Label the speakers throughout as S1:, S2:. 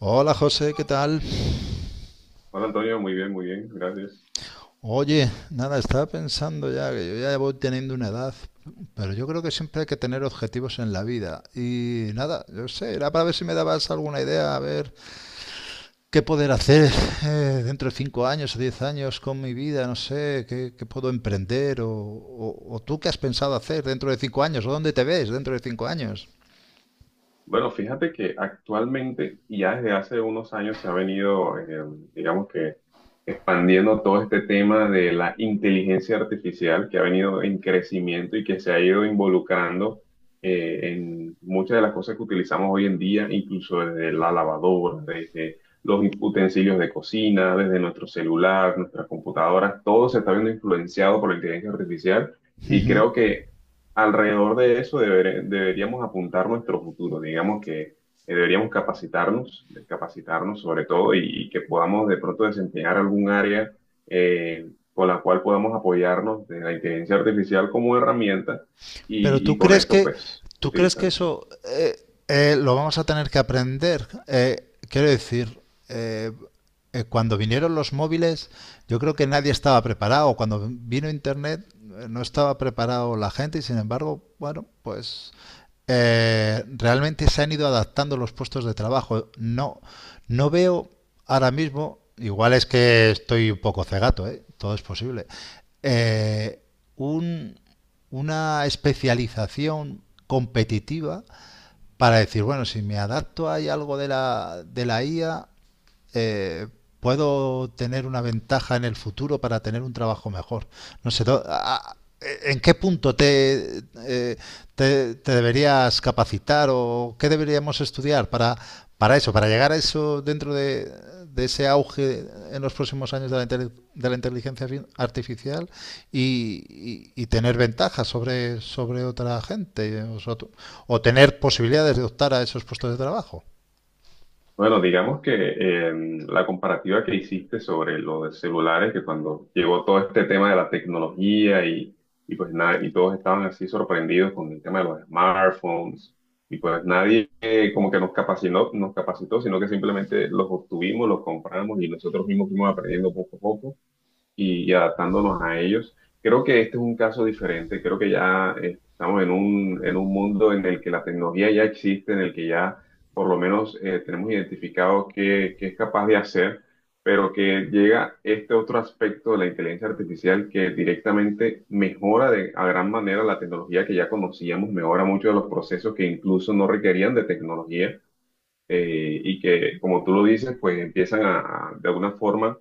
S1: Hola José, ¿qué tal?
S2: Hola Antonio, muy bien, gracias.
S1: Oye, nada, estaba pensando ya que yo ya voy teniendo una edad, pero yo creo que siempre hay que tener objetivos en la vida. Y nada, yo sé, era para ver si me dabas alguna idea, a ver qué poder hacer dentro de 5 años o 10 años con mi vida, no sé, qué puedo emprender o tú qué has pensado hacer dentro de 5 años o dónde te ves dentro de 5 años.
S2: Bueno, fíjate que actualmente y ya desde hace unos años se ha venido, digamos que expandiendo todo este tema de la inteligencia artificial que ha venido en crecimiento y que se ha ido involucrando en muchas de las cosas que utilizamos hoy en día, incluso desde la lavadora, desde los utensilios de cocina, desde nuestro celular, nuestras computadoras, todo se está viendo influenciado por la inteligencia artificial y creo que alrededor de eso deberíamos apuntar nuestro futuro, digamos que deberíamos capacitarnos sobre todo y que podamos de pronto desempeñar algún área con la cual podamos apoyarnos de la inteligencia artificial como herramienta
S1: Pero
S2: y, con esto pues
S1: tú crees que
S2: utilizarla. ¿Sí?
S1: eso lo vamos a tener que aprender. Quiero decir, eh, cuando vinieron los móviles, yo creo que nadie estaba preparado. Cuando vino Internet, no estaba preparado la gente y sin embargo, bueno, pues realmente se han ido adaptando los puestos de trabajo. No, no veo ahora mismo, igual es que estoy un poco cegato, ¿eh? Todo es posible, eh, un- una especialización competitiva para decir, bueno, si me adapto hay algo de la IA, eh, puedo tener una ventaja en el futuro para tener un trabajo mejor. No sé, ¿en qué punto te deberías capacitar o qué deberíamos estudiar para eso, para llegar a eso de ese auge en los próximos años de la artificial y tener ventajas sobre otra gente o tener posibilidades de optar a esos puestos de trabajo?
S2: Bueno, digamos que la comparativa que hiciste sobre los celulares, que cuando llegó todo este tema de la tecnología y pues nada, y todos estaban así sorprendidos con el tema de los smartphones, y pues nadie como que nos capacitó, sino que simplemente los obtuvimos, los compramos y nosotros mismos fuimos aprendiendo poco a poco y adaptándonos a ellos. Creo que este es un caso diferente, creo que ya estamos en un mundo en el que la tecnología ya existe, en el que ya por lo menos tenemos identificado qué, qué es capaz de hacer, pero que llega este otro aspecto de la inteligencia artificial que directamente mejora de, a gran manera la tecnología que ya conocíamos, mejora muchos de los procesos que incluso no requerían de tecnología y que, como tú lo dices, pues empiezan de alguna forma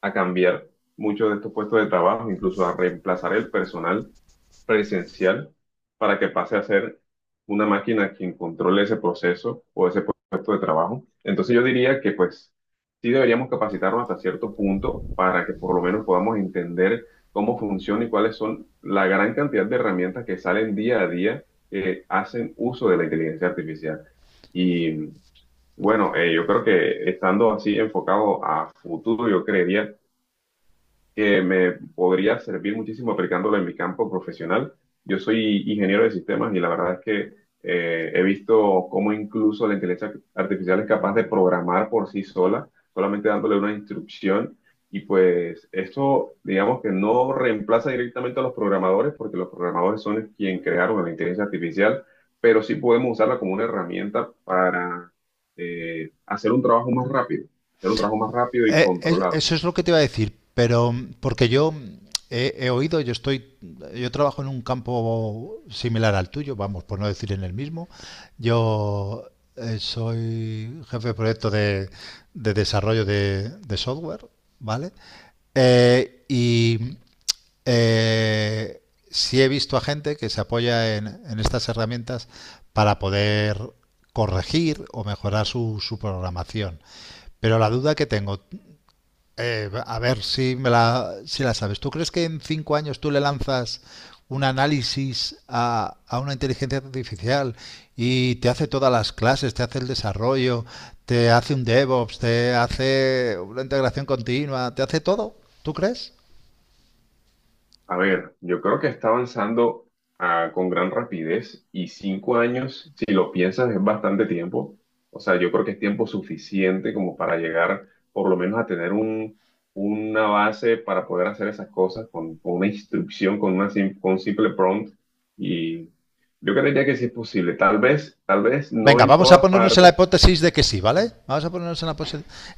S2: a cambiar muchos de estos puestos de trabajo, incluso a reemplazar el personal presencial para que pase a ser una máquina quien controle ese proceso o ese puesto de trabajo. Entonces yo diría que pues sí deberíamos capacitarnos hasta cierto punto para que por lo menos podamos entender cómo funciona y cuáles son la gran cantidad de herramientas que salen día a día que hacen uso de la inteligencia artificial. Y bueno, yo creo que estando así enfocado a futuro, yo creería que me podría servir muchísimo aplicándolo en mi campo profesional. Yo soy ingeniero de sistemas y la verdad es que he visto cómo incluso la inteligencia artificial es capaz de programar por sí sola, solamente dándole una instrucción. Y pues esto, digamos que no reemplaza directamente a los programadores, porque los programadores son quienes crearon la inteligencia artificial, pero sí podemos usarla como una herramienta para hacer un trabajo más rápido, hacer un trabajo más rápido y controlado.
S1: Eso es lo que te iba a decir, pero porque he oído, yo trabajo en un campo similar al tuyo, vamos, por no decir en el mismo. Yo soy jefe de proyecto de desarrollo de software, ¿vale? Eh, y eh, sí he visto a gente que se apoya en estas herramientas para poder corregir o mejorar su programación. Pero la duda que tengo, a ver si si la sabes. ¿Tú crees que en 5 años tú le lanzas un análisis a una inteligencia artificial y te hace todas las clases, te hace el desarrollo, te hace un DevOps, te hace una integración continua, te hace todo? ¿Tú crees?
S2: A ver, yo creo que está avanzando con gran rapidez y 5 años, si lo piensas, es bastante tiempo. O sea, yo creo que es tiempo suficiente como para llegar por lo menos a tener una base para poder hacer esas cosas con una instrucción, con un simple prompt. Y yo creería que sí es posible. Tal vez no
S1: Venga,
S2: en
S1: vamos a
S2: todas
S1: ponernos en la
S2: partes.
S1: hipótesis de que sí, ¿vale? Vamos a ponernos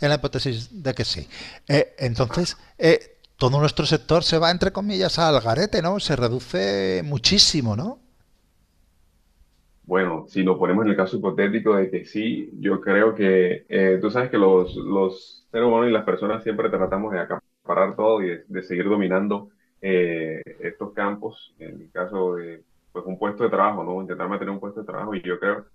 S1: en la hipótesis de que sí. Entonces, todo nuestro sector se va, entre comillas, al garete, ¿no? Se reduce muchísimo, ¿no?
S2: Bueno, si lo ponemos en el caso hipotético de que sí, yo creo que tú sabes que los seres humanos y las personas siempre tratamos de acaparar todo y de seguir dominando estos campos, en el caso de pues, un puesto de trabajo, ¿no? Intentar mantener un puesto de trabajo y yo creo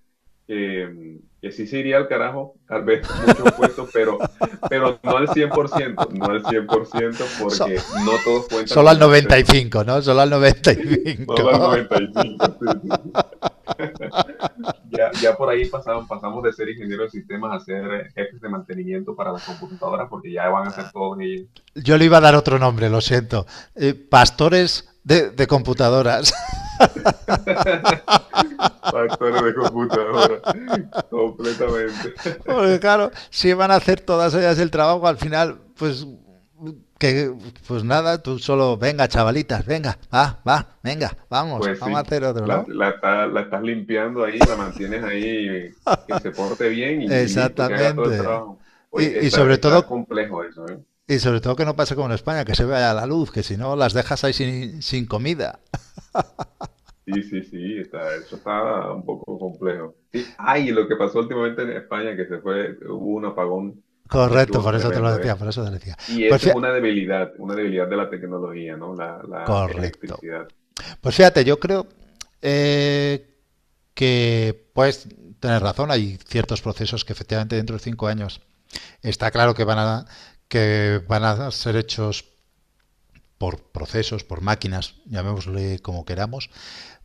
S2: que, que sí se iría al carajo, tal vez muchos puestos, pero no al 100%, no al 100%,
S1: So-
S2: porque no todos cuentan
S1: Solo
S2: con
S1: al
S2: el
S1: noventa y
S2: acceso,
S1: cinco, ¿no? Solo al noventa y
S2: solo al
S1: cinco.
S2: 95%. Ya, ya por ahí pasaron, pasamos de ser ingeniero de sistemas a ser jefes de mantenimiento para las computadoras, porque ya van a ser todos ellos.
S1: Yo le iba a dar otro nombre, lo siento. Pastores de computadoras.
S2: Factores de computadora, completamente.
S1: Porque claro, si van a hacer todas ellas el trabajo, al final, que pues nada, tú solo, venga, chavalitas, venga, venga,
S2: Pues
S1: vamos a
S2: sí,
S1: hacer otro, ¿no?
S2: la estás limpiando ahí, la mantienes ahí, que se porte bien y listo, que haga todo el
S1: Exactamente.
S2: trabajo. Oye,
S1: Y, y sobre
S2: está
S1: todo,
S2: complejo eso, ¿eh?
S1: y sobre todo que no pase como en España, que se vaya la luz, que si no las dejas ahí sin comida.
S2: Sí, sí, sí, eso está un poco complejo. Sí, ay, lo que pasó últimamente en España, que se fue, hubo un apagón,
S1: Correcto,
S2: estuvo
S1: por eso te lo
S2: tremendo, ¿eh?
S1: decía, por eso te lo decía.
S2: Y
S1: Pues
S2: eso es
S1: fíjate.
S2: una debilidad de la tecnología, ¿no? La
S1: Correcto.
S2: electricidad.
S1: Pues fíjate, yo creo eh, que puedes tener razón. Hay ciertos procesos que efectivamente dentro de 5 años está claro que que van a ser hechos por procesos, por máquinas, llamémosle como queramos,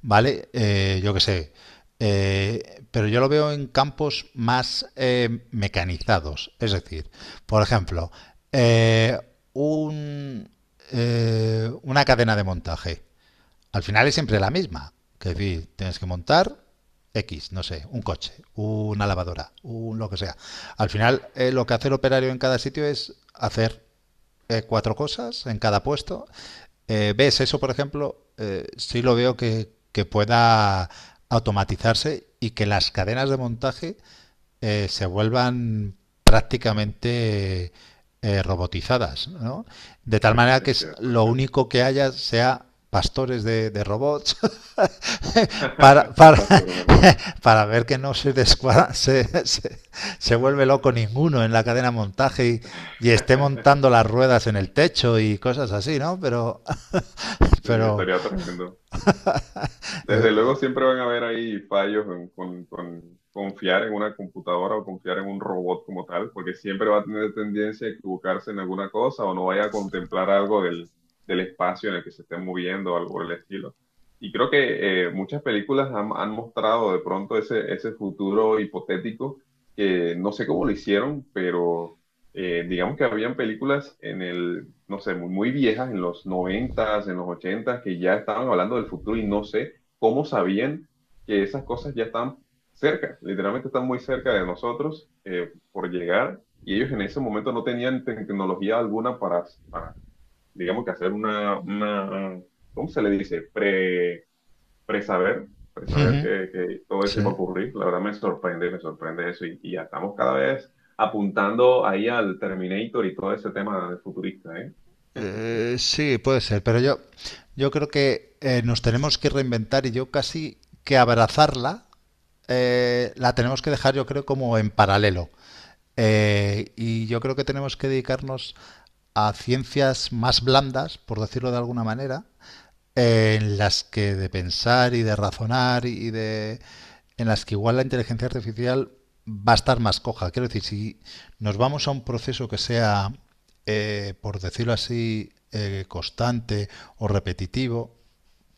S1: ¿vale? Yo qué sé. Pero yo lo veo en campos más mecanizados. Es decir, por ejemplo, eh, un, una cadena de montaje. Al final es siempre la misma. Que es decir, tienes que montar X, no sé, un coche, una lavadora, un lo que sea. Al final, lo que hace el operario en cada sitio es hacer cuatro cosas en cada puesto. ¿Ves eso, por ejemplo? Sí lo veo que pueda automatizarse y que las cadenas de montaje se vuelvan prácticamente robotizadas, ¿no? De tal manera que
S2: Es cierto, es
S1: lo
S2: cierto.
S1: único que haya sea pastores de robots para, para,
S2: Tantas cosas me roban.
S1: para ver que no se, descua- se vuelve loco ninguno en la cadena de montaje y esté montando las ruedas en el techo y cosas así, ¿no? Pero,
S2: Sí,
S1: pero
S2: estaría tremendo. Desde luego
S1: eh,
S2: siempre van a haber ahí fallos con confiar en una computadora o confiar en un robot como tal, porque siempre va a tener tendencia a equivocarse en alguna cosa o no vaya a contemplar algo del espacio en el que se esté moviendo o algo por el estilo. Y creo que muchas películas han mostrado de pronto ese futuro hipotético que no sé cómo lo hicieron, pero digamos que habían películas en el, no sé, muy, muy viejas, en los noventas, en los ochentas que ya estaban hablando del futuro y no sé cómo sabían que esas cosas ya están cerca, literalmente están muy cerca de nosotros por llegar y ellos en ese momento no tenían tecnología alguna para, para, digamos que hacer una, ¿cómo se le dice? Presaber que todo eso
S1: sí.
S2: iba a ocurrir. La verdad me sorprende eso y ya estamos cada vez apuntando ahí al Terminator y todo ese tema de futurista, ¿eh?
S1: Sí, puede ser, pero yo creo que nos tenemos que reinventar y yo casi que abrazarla la tenemos que dejar, yo creo, como en paralelo. Y yo creo que tenemos que dedicarnos a ciencias más blandas, por decirlo de alguna manera, en las que de pensar y de razonar y de en las que igual la inteligencia artificial va a estar más coja. Quiero decir, si nos vamos a un proceso que sea, por decirlo así, constante o repetitivo,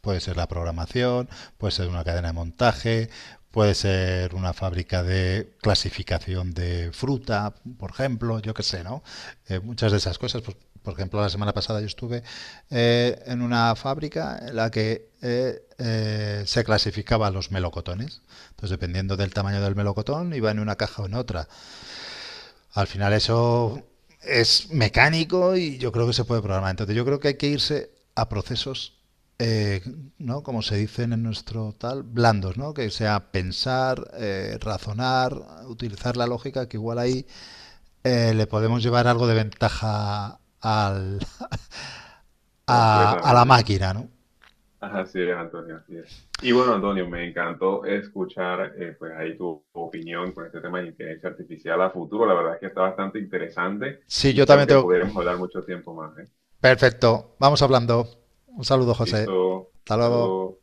S1: puede ser la programación, puede ser una cadena de montaje, puede ser una fábrica de clasificación de fruta, por ejemplo, yo qué sé, ¿no? Muchas de esas cosas, pues, por ejemplo, la semana pasada yo estuve en una fábrica en la que se clasificaban los melocotones. Entonces, dependiendo del tamaño del melocotón, iba en una caja o en otra. Al final eso es mecánico y yo creo que se puede programar. Entonces yo creo que hay que irse a procesos, eh, ¿no? Como se dicen en nuestro tal, blandos, ¿no? Que sea pensar, razonar, utilizar la lógica, que igual ahí le podemos llevar algo de ventaja al, a la
S2: Completamente.
S1: máquina, ¿no?
S2: Así es, Antonio, así es. Y bueno, Antonio, me encantó escuchar pues ahí tu opinión con este tema de inteligencia artificial a futuro. La verdad es que está bastante interesante
S1: Sí, yo
S2: y creo
S1: también
S2: que
S1: tengo...
S2: podremos hablar mucho tiempo más, ¿eh?
S1: Perfecto, vamos hablando. Un saludo, José.
S2: Listo,
S1: Hasta luego.
S2: saludos.